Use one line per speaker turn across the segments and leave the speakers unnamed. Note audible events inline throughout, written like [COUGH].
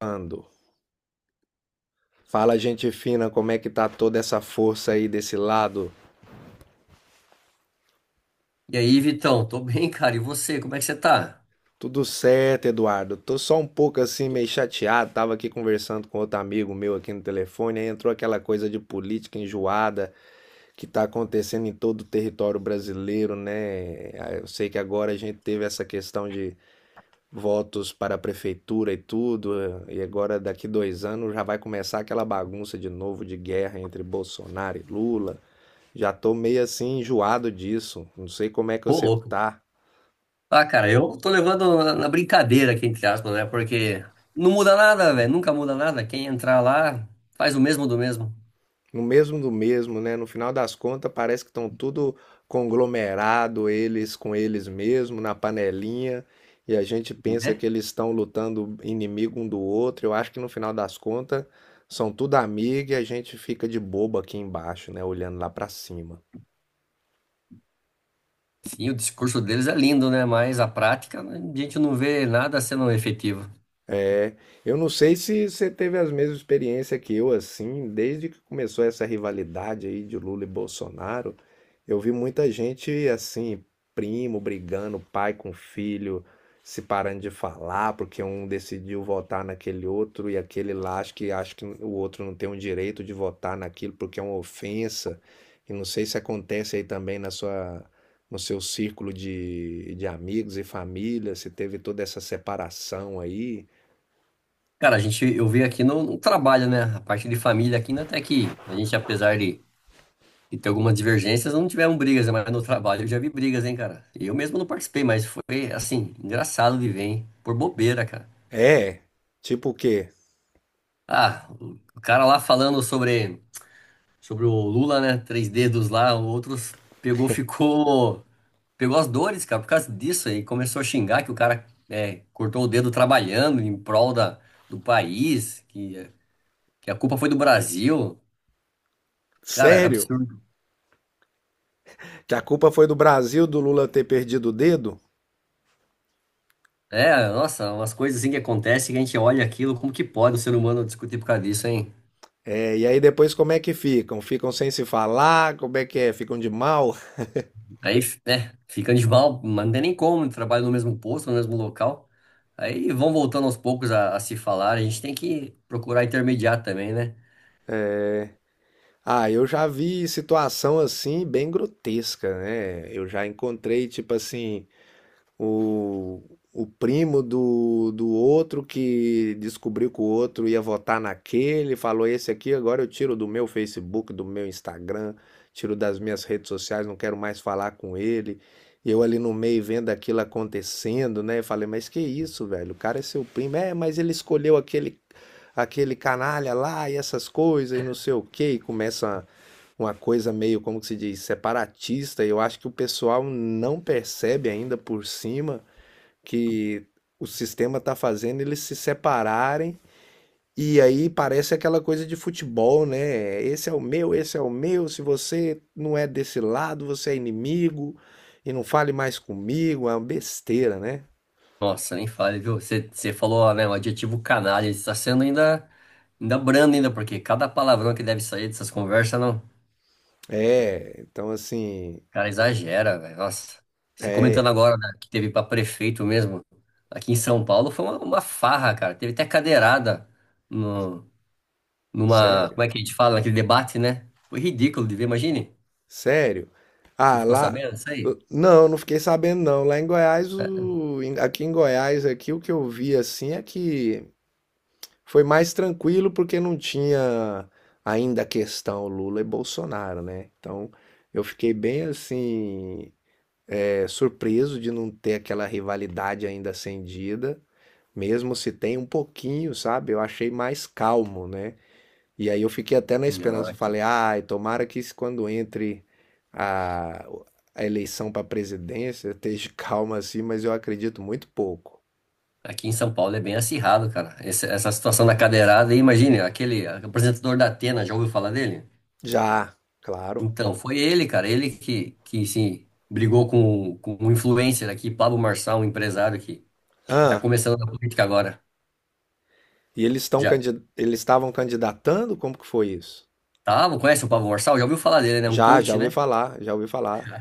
Ando. Fala, gente fina, como é que tá toda essa força aí desse lado?
E aí, Vitão, tô bem, cara. E você, como é que você tá?
Tudo certo, Eduardo. Tô só um pouco assim, meio chateado. Tava aqui conversando com outro amigo meu aqui no telefone, aí entrou aquela coisa de política enjoada que tá acontecendo em todo o território brasileiro, né? Ah, eu sei que agora a gente teve essa questão de votos para a prefeitura e tudo, e agora daqui 2 anos já vai começar aquela bagunça de novo de guerra entre Bolsonaro e Lula. Já tô meio assim enjoado disso. Não sei como é que
Ô,
você
louco.
tá.
Ah, cara, eu tô levando na brincadeira aqui, entre aspas, né? Porque não muda nada, velho. Nunca muda nada. Quem entrar lá faz o mesmo do mesmo,
No mesmo do mesmo, né? No final das contas, parece que estão tudo conglomerado, eles com eles mesmo, na panelinha, e a gente pensa que
né?
eles estão lutando inimigo um do outro. Eu acho que no final das contas são tudo amigo e a gente fica de bobo aqui embaixo, né? Olhando lá pra cima.
Sim, o discurso deles é lindo, né? Mas a prática, né, a gente não vê nada sendo efetivo.
É, eu não sei se você teve as mesmas experiências que eu, assim, desde que começou essa rivalidade aí de Lula e Bolsonaro, eu vi muita gente, assim, primo brigando, pai com filho, se parando de falar, porque um decidiu votar naquele outro e aquele lá acha que o outro não tem o direito de votar naquilo porque é uma ofensa. E não sei se acontece aí também no seu círculo de amigos e família, se teve toda essa separação aí.
Cara, a gente, eu vi aqui no trabalho, né? A parte de família aqui, né? Até que a gente, apesar de e tem algumas divergências, não tiveram brigas, né? Mas no trabalho eu já vi brigas, hein, cara. Eu mesmo não participei, mas foi, assim, engraçado de ver, hein? Por bobeira, cara.
É? Tipo o quê?
Ah, o cara lá falando sobre, sobre o Lula, né? Três dedos lá, outros pegou, ficou. Pegou as dores, cara, por causa disso aí. Começou a xingar que o cara é, cortou o dedo trabalhando em prol da, do país, que a culpa foi do Brasil. Cara, é
Sério?
absurdo.
Que a culpa foi do Brasil do Lula ter perdido o dedo?
É, nossa, umas coisas assim que acontecem que a gente olha aquilo, como que pode o ser humano discutir por causa disso, hein?
É, e aí depois como é que ficam? Ficam sem se falar? Como é que é? Ficam de mal?
Aí, né, fica de mal, mas não tem nem como, trabalha no mesmo posto, no mesmo local. Aí vão voltando aos poucos a se falar, a gente tem que procurar intermediar também, né?
Ah, eu já vi situação assim bem grotesca, né? Eu já encontrei, tipo assim, O, o primo do outro que descobriu que o outro ia votar naquele, falou: Esse aqui agora eu tiro do meu Facebook, do meu Instagram, tiro das minhas redes sociais, não quero mais falar com ele. E eu ali no meio vendo aquilo acontecendo, né? Eu falei: Mas que isso, velho? O cara é seu primo. É, mas ele escolheu aquele canalha lá e essas coisas e não sei o quê. E começa uma coisa meio, como que se diz, separatista. E eu acho que o pessoal não percebe ainda por cima que o sistema tá fazendo eles se separarem. E aí parece aquela coisa de futebol, né? Esse é o meu, esse é o meu. Se você não é desse lado, você é inimigo e não fale mais comigo. É uma besteira, né?
Nossa, nem fale, viu? Você falou, né, o adjetivo canalha, está sendo ainda, ainda brando ainda, porque cada palavrão que deve sair dessas conversas, não.
É, então assim,
Cara, exagera, velho. Nossa, você comentando
é
agora, né, que teve pra prefeito mesmo, aqui em São Paulo, foi uma farra, cara. Teve até cadeirada no, numa. Como
sério,
é que a gente fala? Naquele debate, né? Foi ridículo de ver, imagine.
sério.
Você
Ah,
ficou
lá,
sabendo disso aí?
não, não fiquei sabendo não. Lá em Goiás, aqui em Goiás, aqui o que eu vi assim é que foi mais tranquilo porque não tinha ainda a questão Lula e Bolsonaro, né? Então eu fiquei bem assim, é, surpreso de não ter aquela rivalidade ainda acendida, mesmo se tem um pouquinho, sabe? Eu achei mais calmo, né? E aí eu fiquei até na
Não,
esperança, eu
aqui,
falei, ai, tomara que isso quando entre a, a eleição para presidência esteja [LAUGHS] calma assim, mas eu acredito muito pouco.
aqui em São Paulo é bem acirrado, cara. Esse- essa situação da cadeirada aí, imagine, aquele apresentador da Atena, já ouviu falar dele?
Já, claro.
Então, foi ele, cara, ele que sim, brigou com um influencer aqui, Pablo Marçal, um empresário que tá
Ah.
começando na política agora.
E eles estão
Já
eles estavam candidatando? Como que foi isso?
tá, conhece o Pablo Marçal? Já ouviu falar dele, né? Um
Já, já
coach,
ouvi
né?
falar. Já ouvi falar.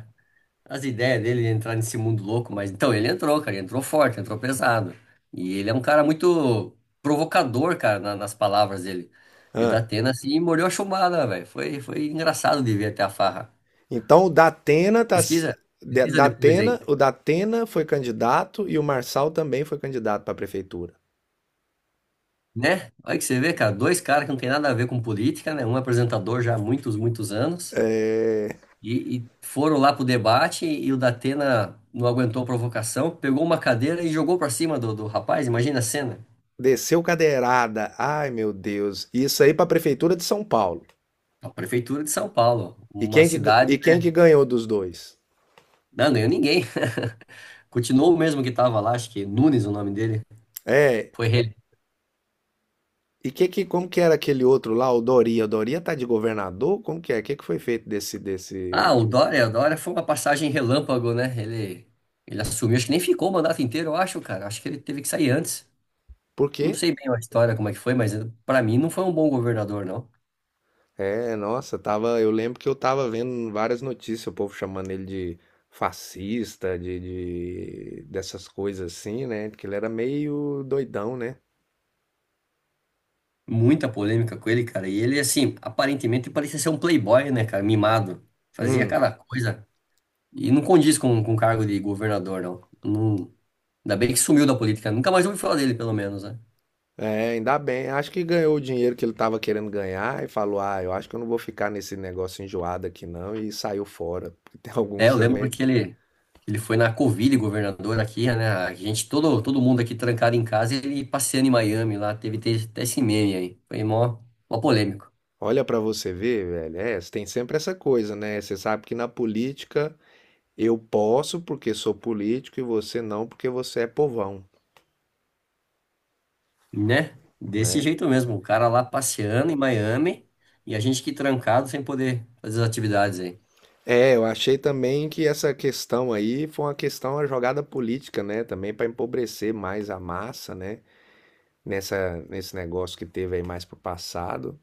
As ideias dele de entrar nesse mundo louco, mas então ele entrou, cara, ele entrou forte, entrou pesado. E ele é um cara muito provocador, cara, na- nas palavras dele. E o
Ah,
Datena, assim, mordeu a chumbada, velho. Foi, foi engraçado de ver até a farra.
então o Datena tá
Pesquisa, pesquisa depois, hein?
O Datena foi candidato e o Marçal também foi candidato para a prefeitura.
Né? Olha que você vê, cara, dois caras que não tem nada a ver com política, né? Um é apresentador já há muitos, muitos anos, e foram lá pro debate e o Datena não aguentou a provocação, pegou uma cadeira e jogou pra cima do, do rapaz, imagina a cena.
Desceu cadeirada. Ai, meu Deus. Isso aí para a prefeitura de São Paulo.
A prefeitura de São Paulo,
E
uma
quem e
cidade,
quem
né?
que ganhou dos dois?
Não ganhou ninguém. [LAUGHS] Continuou o mesmo que tava lá, acho que Nunes o nome dele,
É,
foi ele.
e que como que era aquele outro lá, o Doria? O Doria tá de governador? Como que é? O que que foi feito
Ah,
desse?
O Dória foi uma passagem relâmpago, né? Ele assumiu, acho que nem ficou o mandato inteiro, eu acho, cara. Acho que ele teve que sair antes.
Por quê?
Não sei bem a história, como é que foi, mas pra mim não foi um bom governador, não.
É, nossa, tava, eu lembro que eu tava vendo várias notícias, o povo chamando ele de fascista, dessas coisas assim, né? Porque ele era meio doidão, né?
Muita polêmica com ele, cara. E ele, assim, aparentemente parecia ser um playboy, né, cara? Mimado. Fazia
Hum,
cada coisa. E não condiz com o cargo de governador, não. Não- Ainda bem que sumiu da política. Nunca mais ouvi falar dele, pelo menos, né?
é, ainda bem. Acho que ganhou o dinheiro que ele tava querendo ganhar e falou: "Ah, eu acho que eu não vou ficar nesse negócio enjoado aqui não" e saiu fora. Porque tem [LAUGHS]
É,
alguns
eu lembro
também.
que ele foi na Covid, governador aqui, né? A gente, todo, todo mundo aqui trancado em casa, ele passeando em Miami lá. Teve até até esse meme aí. Foi mó, mó polêmico.
Olha pra você ver, velho, é, tem sempre essa coisa, né? Você sabe que na política eu posso porque sou político e você não porque você é povão,
Né? Desse
né?
jeito mesmo, o cara lá passeando em Miami e a gente aqui trancado sem poder fazer as atividades aí.
É, eu achei também que essa questão aí foi uma questão, uma jogada política, né? Também para empobrecer mais a massa, né? Nesse negócio que teve aí mais pro passado.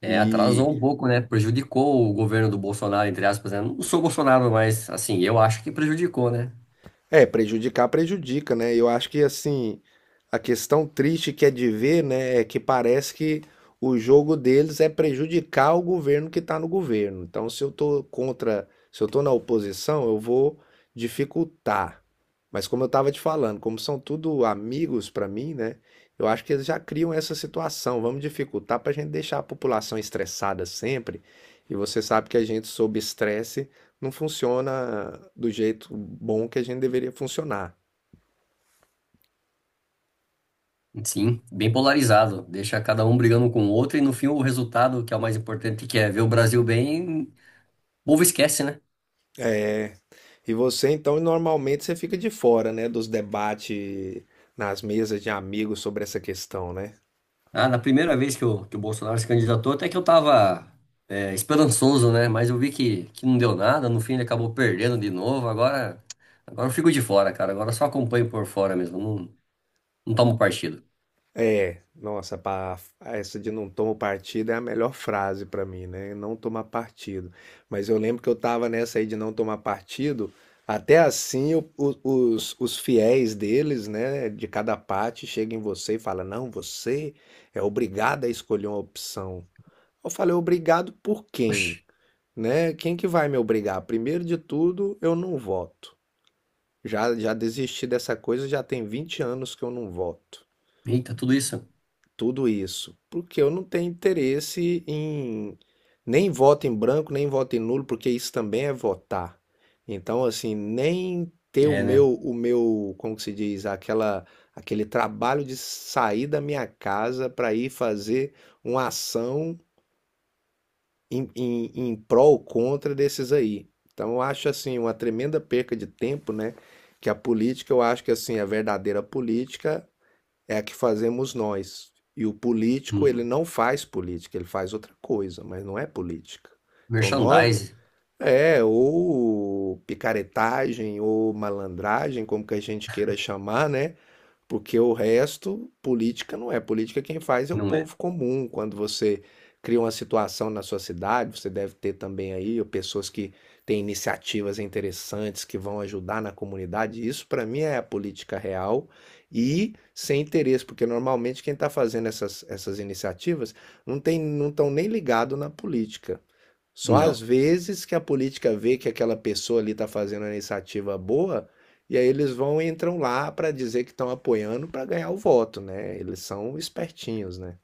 É, atrasou
e
um pouco, né? Prejudicou o governo do Bolsonaro, entre aspas, né? Não sou Bolsonaro, mas assim, eu acho que prejudicou, né?
É, prejudicar prejudica, né? Eu acho que assim, a questão triste que é de ver, né, é que parece que o jogo deles é prejudicar o governo que está no governo. Então, se eu tô contra, se eu tô na oposição, eu vou dificultar. Mas como eu estava te falando, como são tudo amigos para mim, né? Eu acho que eles já criam essa situação. Vamos dificultar para a gente deixar a população estressada sempre. E você sabe que a gente sob estresse não funciona do jeito bom que a gente deveria funcionar.
Sim, bem polarizado. Deixa cada um brigando com o outro e no fim o resultado, que é o mais importante, que é ver o Brasil bem, o povo esquece, né?
é E você, então, normalmente você fica de fora, né, dos debates nas mesas de amigos sobre essa questão, né?
Ah, na primeira vez que o Bolsonaro se candidatou, até que eu tava esperançoso, né? Mas eu vi que não deu nada, no fim ele acabou perdendo de novo. Agora, agora eu fico de fora, cara. Agora eu só acompanho por fora mesmo, não, não tomo partido.
É, nossa, essa de não tomo partido é a melhor frase pra mim, né? Não tomar partido. Mas eu lembro que eu tava nessa aí de não tomar partido, até assim os fiéis deles, né, de cada parte, chegam em você e falam: não, você é obrigado a escolher uma opção. Eu falei, obrigado por
Oxi,
quem? Né? Quem que vai me obrigar? Primeiro de tudo, eu não voto. Já, já desisti dessa coisa, já tem 20 anos que eu não voto.
eita, tudo isso?
Tudo isso. Porque eu não tenho interesse em nem voto em branco, nem voto em nulo, porque isso também é votar. Então, assim, nem ter
É, né?
o meu, como que se diz, aquela, aquele trabalho de sair da minha casa para ir fazer uma ação em prol ou contra desses aí. Então, eu acho assim uma tremenda perca de tempo, né? Que a política, eu acho que assim a verdadeira política é a que fazemos nós. E o político, ele
Hum,
não faz política, ele faz outra coisa, mas não é política. Então, nós
merchandise,
é ou picaretagem ou malandragem, como que a gente queira chamar, né? Porque o resto, política não é. Política quem faz é o
não é?
povo comum. Quando você cria uma situação na sua cidade, você deve ter também aí pessoas que têm iniciativas interessantes que vão ajudar na comunidade. Isso para mim é a política real e sem interesse, porque normalmente quem está fazendo essas iniciativas não tem, não estão nem ligado na política. Só às
Não,
vezes que a política vê que aquela pessoa ali está fazendo uma iniciativa boa, e aí eles vão e entram lá para dizer que estão apoiando para ganhar o voto, né? Eles são espertinhos, né?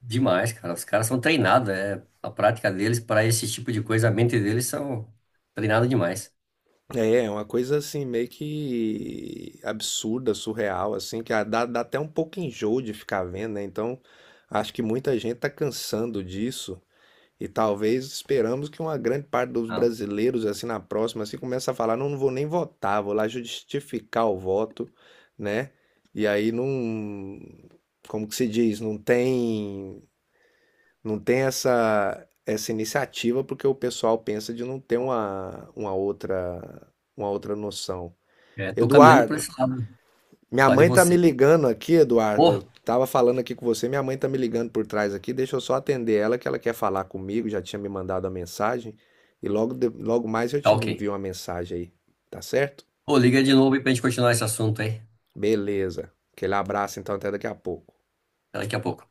demais, cara. Os caras são treinados, é a prática deles para esse tipo de coisa, a mente deles são treinada demais.
É, é uma coisa assim meio que absurda, surreal, assim, que ah, dá até um pouco enjoo de ficar vendo, né? Então, acho que muita gente tá cansando disso. E talvez esperamos que uma grande parte dos
Ah,
brasileiros, assim, na próxima, assim, comece a falar, não, não vou nem votar, vou lá justificar o voto, né? E aí não, como que se diz, não tem essa iniciativa porque o pessoal pensa de não ter uma outra noção.
é, tô caminhando para
Eduardo,
esse lado,
minha
lá de
mãe tá me
você.
ligando aqui, Eduardo.
Oh,
Tava falando aqui com você, minha mãe tá me ligando por trás aqui. Deixa eu só atender ela, que ela quer falar comigo. Já tinha me mandado a mensagem. E logo, logo mais eu
tá
te
ok.
envio uma mensagem aí. Tá certo?
Pô, liga de novo aí pra gente continuar esse assunto aí.
Beleza. Aquele abraço, então, até daqui a pouco.
Daqui a pouco.